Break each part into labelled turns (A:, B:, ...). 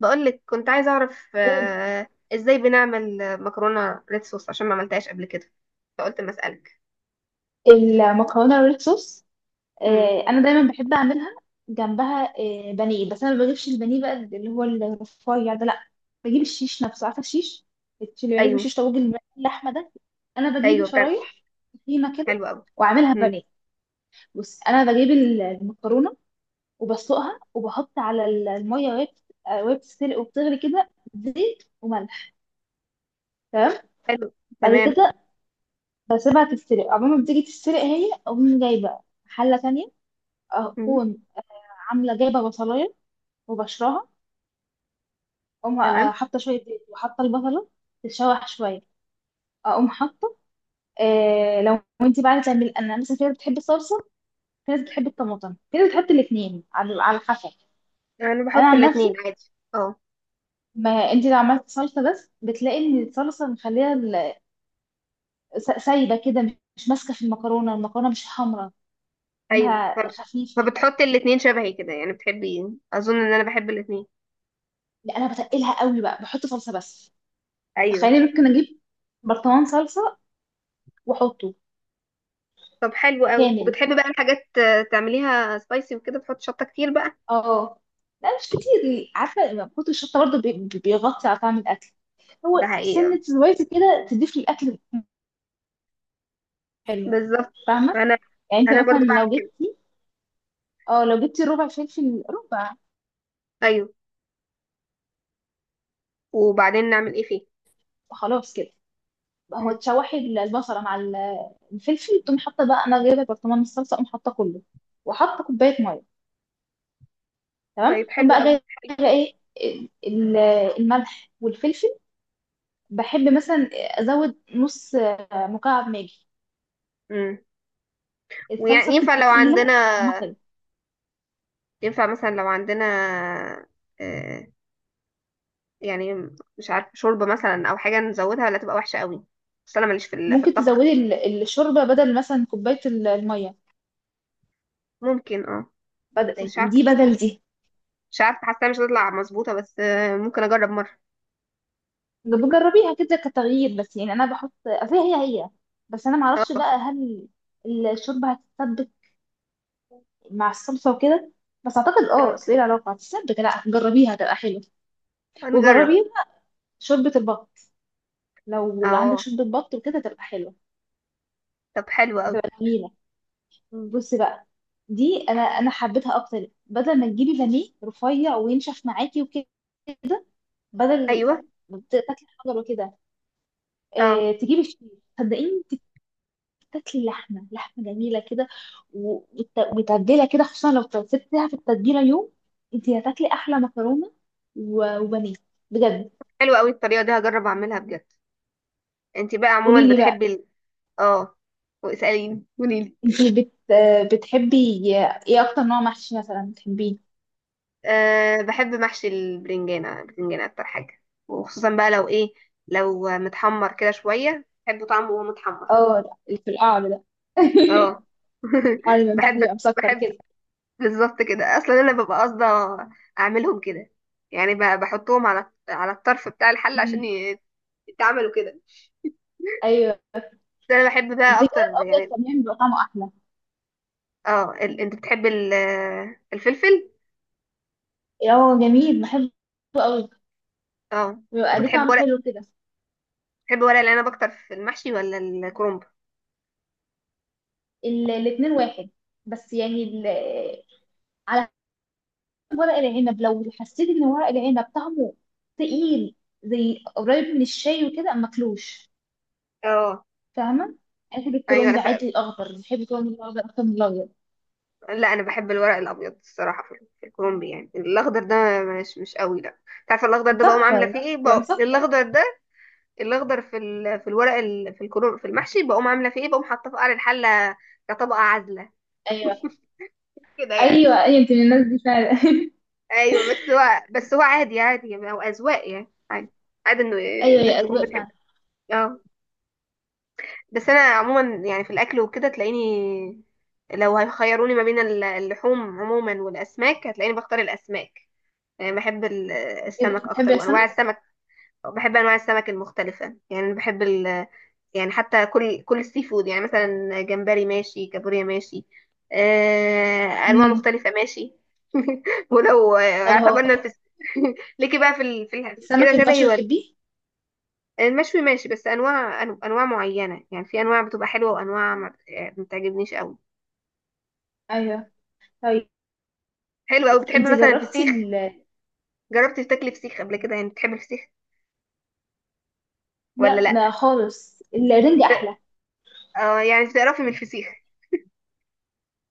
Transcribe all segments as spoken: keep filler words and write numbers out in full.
A: بقولك، كنت عايزة أعرف
B: قول.
A: آه، إزاي بنعمل آه، مكرونة ريد صوص عشان ما عملتهاش قبل كده، فقلت ما أسألك.
B: المكرونه الريد صوص،
A: مم.
B: آه، انا دايما بحب اعملها جنبها، آه، بانيه. بس انا ما بجيبش البانيه بقى اللي هو الرفيع ده، لا. بجيب الشيش نفسه. عارفه الشيش اللي بيعمل
A: أيوه.
B: بالشيش طاووق الم- اللحمه ده. انا بجيبه
A: أيوه بتعمل.
B: شرايح تخينه كده،
A: حلو أوي.
B: واعملها
A: مم.
B: بانيه. بص، انا بجيب ال- المكرونه وبسلقها، وبحط على ال- الميه وهي بت- آه، وهي بتتسلق وبتغلي كده زيت وملح. تمام.
A: حلو.
B: بعد
A: تمام.
B: كده بسيبها تتسلق، عمال ما بتيجي تتسلق هي اقوم جايبه حله تانية،
A: مم.
B: اكون عامله جايبه بصلايه وبشرها. اقوم آه،
A: تمام.
B: حاطه شويه زيت وحاطه البصله، تتشوح شويه، اقوم حاطه. آه لو انت بقى تعمل، انا مثلا في ناس بتحب الصلصه، في ناس بتحب الطماطم، في ناس بتحط الاثنين، على على حسب.
A: أنا
B: انا
A: بحط
B: عن نفسي،
A: الاتنين عادي، أه.
B: ما انت لو عملت صلصه بس بتلاقي ان الصلصه مخليها ال- س- سايبه كده، مش ماسكه في المكرونه، المكرونه مش حمراء
A: أيوه،
B: منها،
A: طب
B: خفيف كده.
A: فبتحطي الاتنين شبهي كده يعني؟ بتحبي، أظن إن أنا بحب الاتنين.
B: لا، انا بتقلها قوي بقى، بحط صلصه بس.
A: أيوه.
B: تخيلي، ممكن اجيب برطمان صلصه واحطه
A: طب حلو أوي،
B: كامل.
A: وبتحبي بقى الحاجات آه، تعمليها سبايسي وكده، بتحط شطة كتير بقى؟
B: اه. لا مش كتير، عارفه كتر الشطه برضه بي- بي- بيغطي على طعم الاكل.
A: ده
B: هو
A: حقيقة.
B: سنه زويته كده تضيف للاكل. حلو.
A: بالظبط.
B: فاهمه.
A: أنا
B: يعني انت
A: أنا
B: مثلا
A: برضو بعمل
B: لو
A: كده.
B: جبتي، اه لو جبتي ربع فلفل، ربع.
A: أيوه. وبعدين نعمل إيه فيه؟
B: خلاص كده بقى، هو تشوحي البصله مع ال- الفلفل، تقوم حاطه بقى، انا جايبه برطمان الصلصه اقوم حاطه كله، وحاطه كوبايه ميه.
A: طيب
B: تمام. اقوم
A: حلو
B: بقى
A: قوي.
B: جايبه ايه، ال- الملح والفلفل. بحب مثلا ازود نص مكعب ماجي،
A: امم
B: الصلصه
A: ويعني ينفع
B: بتبقى
A: لو
B: تقيله،
A: عندنا،
B: طعمها حلو.
A: ينفع مثلا لو عندنا آه يعني، مش عارف شوربة مثلا او حاجة نزودها، ولا تبقى وحشة قوي؟ بس انا ماليش في ال- في
B: ممكن
A: الطبخ.
B: تزودي ال- الشوربه بدل مثلا كوبايه ال- الميه،
A: ممكن اه
B: بدل
A: مش عارفة.
B: دي، بدل دي.
A: مش عارفة، حاسة مش هتطلع مظبوطة، بس آه ممكن اجرب مرة.
B: بجربيها كده كتغيير، بس يعني انا بحط، أصل هي هي هي. بس انا معرفش
A: اه.
B: بقى هل الشوربه هتتسبك مع الصلصه وكده، بس اعتقد اه. اصل ايه العلاقه هتتسبك، لا جربيها تبقى حلوه.
A: اه، نجرب.
B: وجربي شوربه البط، لو عندك
A: اه.
B: شوربه بط وكده تبقى حلوه،
A: طب حلو قوي.
B: تبقى جميله.
A: مم.
B: بصي بقى، دي انا انا حبيتها اكتر، بدل ما تجيبي بانيه رفيع وينشف معاكي وكده، بدل
A: ايوه.
B: ما تاكلي حجر وكده،
A: اه.
B: آه، تجيبي الشيش. صدقيني، انت بتاكلي لحمه، لحمه جميله كده، و- وت- ومتبله كده، خصوصا لو سبتيها في التتبيله يوم، انت هتاكلي احلى مكرونه و- وبانيه بجد.
A: حلو قوي، الطريقة دي هجرب اعملها بجد. انتي بقى
B: قولي
A: عموما
B: لي بقى،
A: بتحبي ال...؟ اه. واسأليني، قوليلي.
B: انت بت آه، بتحبي ايه اكتر، نوع محشي مثلا بتحبيه؟
A: أه، بحب محشي البرنجانة، البرنجانة أكتر حاجة. وخصوصا بقى لو إيه، لو متحمر كده شوية بحب طعمه وهو متحمر.
B: اه ده، اللي في القعر ده.
A: اه.
B: القعر اللي من تحت
A: بحب.
B: بيبقى مسكر
A: بحب.
B: كده.
A: بالظبط كده، أصلا أنا ببقى قاصدة أعملهم كده. يعني ب- بحطهم على على الطرف بتاع الحل عشان
B: مم.
A: ي- يتعملوا كده.
B: ايوه.
A: بس أنا بحب بقى
B: بتجيب
A: أكتر
B: الابيض
A: يعني.
B: كمان بيبقى طعمه احلى.
A: اه ال... أنت بتحب ال... الفلفل.
B: اه جميل، بحبه قوي،
A: اه.
B: بيبقى ليه
A: وبتحب
B: طعم
A: ورق
B: حلو كده.
A: بتحب ورق العنب أكتر في المحشي ولا الكرنب؟
B: ال- الاتنين واحد، بس يعني ال... على حسب. ورق العنب لو حسيت ان ورق العنب طعمه تقيل، زي قريب من الشاي وكده، ما اكلوش،
A: اه.
B: فاهمه. انا بحب
A: ايوه انا
B: الكرنب عادي الاخضر، بحب الكرنب الاخضر اكتر من الابيض.
A: لا، انا بحب الورق الابيض الصراحه، في في الكرومبي يعني الاخضر ده مش مش قوي لا. تعرف الاخضر ده بقوم عامله
B: مسكر،
A: فيه ايه؟
B: يبقى
A: بقوم
B: مسكر.
A: الاخضر ده، الاخضر في ال... في الورق ال... في الكروم، في المحشي بقوم عامله فيه ايه؟ بقوم حاطاه في قعر الحله كطبقه عازله،
B: ايوه.
A: كده يعني.
B: ايوه، ايوه، انت من الناس دي فعلا.
A: ايوه، بس هو بس هو عادي، عادي يعني، هو اذواق يعني، عادي، عادي انه
B: ايوه،
A: الناس
B: يا
A: تكون
B: اذواق
A: بتحب.
B: فعلا.
A: اه. بس انا عموما يعني في الاكل وكده تلاقيني، لو هيخيروني ما بين ال- اللحوم عموما والاسماك، هتلاقيني بختار الاسماك. يعني بحب ال-
B: كده
A: السمك
B: بتحبي
A: اكتر وانواع
B: السمك.
A: السمك. بحب انواع السمك المختلفه، يعني بحب ال... يعني حتى كل كل السي فود، يعني مثلا جمبري ماشي، كابوريا ماشي، آه، انواع
B: امم.
A: مختلفه ماشي. ولو آه،
B: طب هو
A: اعتبرنا في ليكي بقى في ال... في ال... كده
B: السمك
A: شبهي
B: المشوي
A: ولا؟
B: بتحبيه؟
A: المشوي ماشي، بس انواع أن- انواع معينه، يعني في انواع بتبقى حلوه، وانواع ما بت- آه، ما بتعجبنيش قوي.
B: ايوه. طيب،
A: حلو قوي، بتحب
B: انت
A: مثلا
B: جربتي
A: الفسيخ؟
B: ال...
A: جربتي تاكلي فسيخ قبل كده يعني؟ بتحبي الفسيخ ولا
B: لا
A: لا؟
B: ما خالص، الرنج
A: بت...
B: احلى.
A: اه يعني بتقرفي من الفسيخ.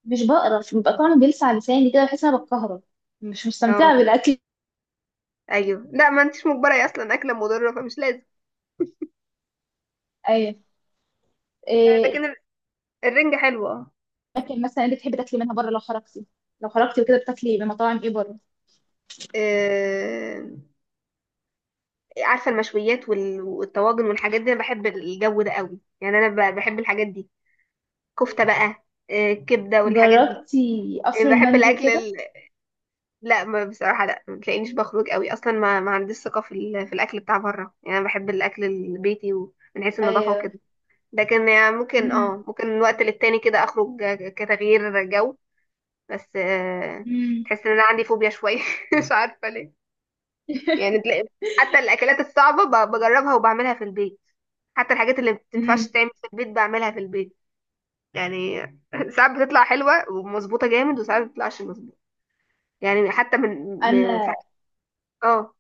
B: مش بقرف، بيبقى طعمه بيلسع لساني كده، بحس ان انا بتكهرب، مش
A: اه.
B: مستمتعه بالاكل.
A: ايوه، لا ما انتش مجبره، هي اصلا اكله مضره فمش لازم.
B: ايه؟
A: آه،
B: إيه،
A: لكن ال- الرنجة حلوه.
B: الاكل مثلا انت بتحبي تاكلي منها بره لو خرجتي؟ لو خرجتي وكده بتاكلي من مطاعم ايه بره؟
A: اه. آه، عارفه المشويات وال- والطواجن والحاجات دي، انا بحب الجو ده قوي، يعني انا ب- بحب الحاجات دي. كفته
B: إيه.
A: بقى، آه، كبده والحاجات دي.
B: جربتي
A: آه،
B: قصر
A: بحب
B: المندي
A: الاكل
B: وكده؟
A: ال... لا ما بصراحه، لا ما تلاقينيش بخرج قوي اصلا. ما, ما عنديش ثقه في ال... في الاكل بتاع بره يعني، انا بحب الاكل البيتي ومن حيث النظافه
B: ايوه.
A: وكده. لكن يعني ممكن،
B: امم.
A: اه، ممكن من وقت للتاني كده اخرج، آه، كتغيير جو. بس آه،
B: امم.
A: تحس ان انا عندي فوبيا شويه، مش عارفه ليه. يعني تلاقي حتى الاكلات الصعبه ب- بجربها وبعملها في البيت. حتى الحاجات اللي ما
B: امم.
A: بتنفعش تعمل في البيت بعملها في البيت، يعني. ساعات بتطلع حلوه ومظبوطه جامد، وساعات ما بتطلعش مظبوطه. يعني حتى من من- في-
B: انا
A: اه،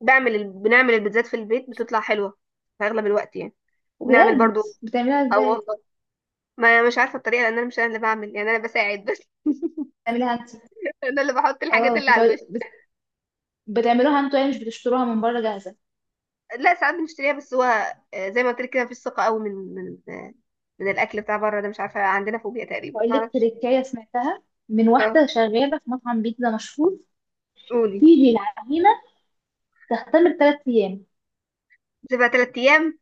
A: بعمل ال- بنعمل البيتزات في البيت، بتطلع حلوه في اغلب الوقت يعني. وبنعمل
B: بجد،
A: برضو.
B: بتعمليها
A: اه
B: ازاي؟
A: والله ما مش عارفه الطريقه، لان انا مش انا اللي بعمل يعني، انا بساعد بس.
B: بتعمليها انت؟
A: انا اللي بحط الحاجات
B: اه،
A: اللي على
B: بتقول-
A: الوش.
B: بت- بتعملوها انتوا يعني، مش بتشتروها من بره جاهزه؟
A: لا ساعات بنشتريها، بس هو آه، زي ما قلت لك كده، مفيش ثقة قوي من من آه، من الأكل بتاع بره ده، مش عارفة، عندنا فوبيا تقريبا،
B: هقول لك
A: معرفش.
B: تريكايه سمعتها من
A: اه.
B: واحده شغاله في مطعم بيتزا مشهور،
A: قولي.
B: في العجينه تختم بثلاث ايام.
A: تبقى تلات أيام.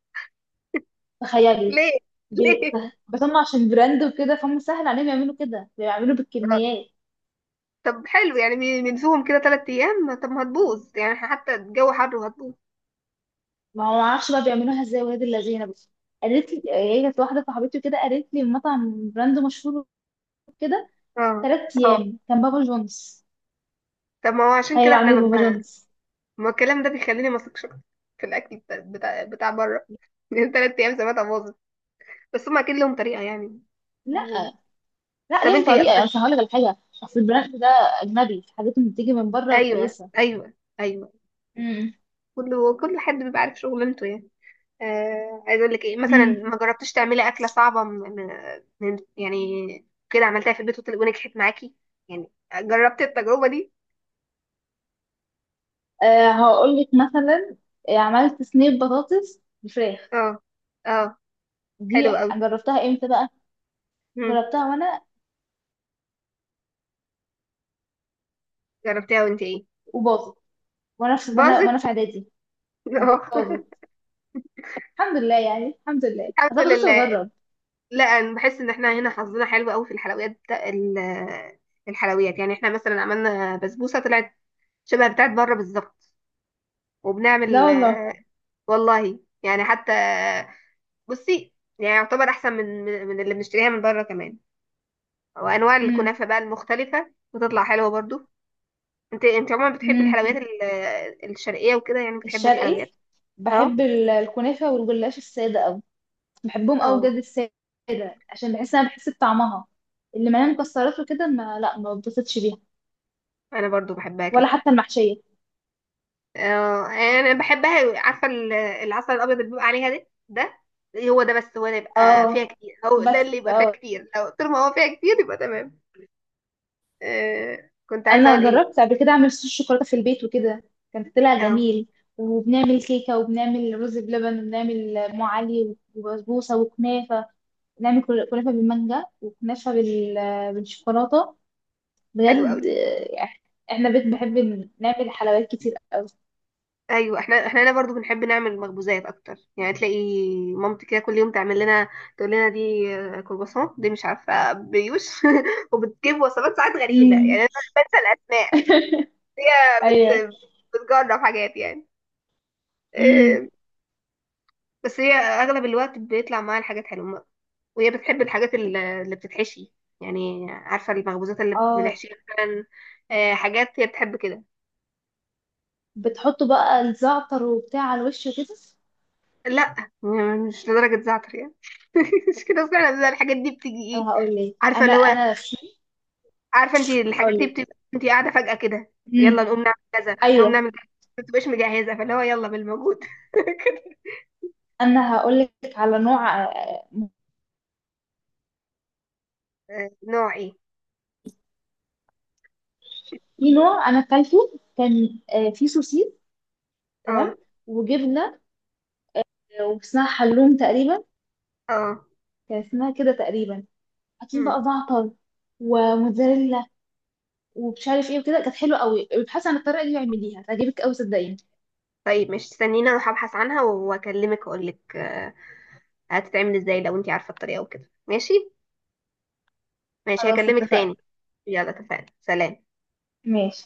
B: تخيلي.
A: ليه؟
B: ب-
A: ليه؟
B: بس هم عشان براند وكده فهم سهل عليهم يعملوا كده، بيعملوا
A: آه،
B: بالكميات.
A: طب حلو، يعني بن- بنسوهم كده تلات أيام؟ طب ما هتبوظ يعني، إحنا حتى الجو حر وهتبوظ.
B: ما هو معرفش بقى بيعملوها ازاي ولاد اللذينه. بس قالت لي هي، كانت واحده صاحبتي وكده، قالت لي مطعم براند مشهور كده،
A: اه.
B: ثلاث
A: اه
B: ايام كان بابا جونز.
A: طب، ما هو عشان
B: تخيل،
A: كده احنا
B: عامل بابا
A: ببنا...
B: جونز.
A: ما الكلام ده بيخليني ما اثقش في الأكل بتاع بتاع, بتاع بره، لأن تلات أيام سمعتها باظت. بس هما أكيد لهم طريقة يعني.
B: لا. لا،
A: طب
B: ليهم
A: انتي
B: طريقه
A: بس.
B: يعني، مش هقول لك الحاجه، اصل البراند ده اجنبي، حاجات اللي بتيجي من بره
A: ايوه.
B: كويسه.
A: ايوه. ايوه.
B: امم.
A: كله كل حد بيبقى عارف شغلانته يعني. آه، عايز اقول لك ايه مثلا،
B: امم.
A: ما جربتش تعملي اكله صعبه من من يعني، كده عملتها في البيت وطل- ونجحت معاكي، يعني جربتي التجربه دي؟
B: أه هقول لك مثلا، آه، عملت صينيه بطاطس بالفراخ
A: اه. اه.
B: دي.
A: حلو قوي.
B: جربتها امتى بقى؟
A: مم.
B: جربتها وانا،
A: جربتيها وانت ايه؟
B: وباظت. وانا في وانا
A: باظت.
B: وانا في اعدادي.
A: اه.
B: باظت. الحمد لله يعني، الحمد لله،
A: الحمد
B: انا كنت لسه
A: لله.
B: بجرب.
A: لا، انا بحس ان احنا هنا حظنا حلو قوي في الحلويات بتا- ال- الحلويات، يعني. احنا مثلا عملنا بسبوسه طلعت شبه بتاعت بره بالظبط.
B: لا
A: وبنعمل
B: والله.
A: آه، والله يعني حتى، بصي، يعني يعتبر احسن من من من اللي بنشتريها من بره كمان. وانواع
B: امم.
A: الكنافه بقى المختلفه بتطلع حلوه برضو. انت انت عموما بتحبي
B: امم.
A: الحلويات ال- الشرقيه وكده، يعني بتحبي
B: الشرقي،
A: الحلويات؟ اه.
B: بحب ال- الكنافه والجلاش الساده قوي. بحبهم قوي
A: اه
B: بجد، الساده، عشان بحس، انا بحس بطعمها. اللي مليانه مكسرات وكده، ما، لا، ما بتبسطش بيها،
A: انا برضو بحبها
B: ولا
A: كده.
B: حتى المحشيه.
A: اه انا بحبها. عارفه ال- العسل الابيض اللي بيبقى عليها ده ده، هو ده. بس هو ده يبقى فيها
B: اه.
A: كتير، هو ده
B: بس
A: اللي يبقى فيها
B: اه،
A: كتير، لو طول ما هو فيها كتير يبقى تمام. آه، كنت عايزه اقول
B: انا
A: ايه.
B: جربت قبل كده اعمل صوص شوكولاته في البيت وكده، كان طلع
A: اه
B: جميل. وبنعمل كيكه، وبنعمل رز بلبن، وبنعمل ام علي، وبسبوسه، وكنافه. بنعمل كل- كنافه بالمانجا، وكنافه بال... بالشوكولاته
A: حلو قوي.
B: بجد. آه، احنا بيت بحب نعمل حلويات كتير قوي.
A: ايوه، احنا احنا هنا برضو بنحب نعمل مخبوزات اكتر. يعني تلاقي مامتي كده كل يوم تعمل لنا، تقول لنا دي آه، كرواسون، دي مش عارفه بيوش. وبتجيب وصفات ساعات غريبه، يعني
B: امم.
A: انا بنسى الاسماء. هي
B: ايوه.
A: بت... بتجرب حاجات يعني،
B: امم.
A: آه، بس هي اغلب الوقت بيطلع معاها الحاجات حلوه. وهي بتحب الحاجات ال- اللي بتتحشي، يعني عارفه المخبوزات اللي
B: اه،
A: بنحشيها مثلا. آه، حاجات هي بتحب كده.
B: بتحطوا بقى الزعتر وبتاع على الوش وكده؟
A: لا م- مش لدرجة زعتر يعني. مش كده اصلا، بيبقى الحاجات دي بتيجي ايه،
B: انا هقول لك
A: عارفة
B: انا
A: اللي هو،
B: انا في
A: عارفة انت الحاجات
B: هقول
A: دي
B: لك.
A: بتبقى انت قاعدة فجأة كده، يلا
B: امم.
A: نقوم نعمل كذا، نقوم
B: ايوه،
A: نعمل كذا، ما بتبقاش مجهزة، فاللي هو يلا بالموجود.
B: انا هقول لك على نوع، آه،
A: آه، نوع ايه؟
B: في نوع انا اكلته، كان آه، فيه سوسيس.
A: اه.
B: تمام. وجبنه، آه، واسمها حلوم تقريبا،
A: اه.
B: كان اسمها كده تقريبا. حاطين
A: مم.
B: بقى زعتر وموتزاريلا ومش عارف ايه وكده، كانت حلوه قوي. ابحثي عن الطريقه دي واعمليها، تعجبك قوي صدقيني.
A: طيب، مش استنينا اروح ابحث عنها واكلمك اقول لك آه، هتتعمل ازاي، لو انت عارفة الطريقة وكده ماشي. ماشي،
B: خلاص
A: هكلمك
B: اتفقنا.
A: تاني. يلا اتفقنا، سلام.
B: ماشي.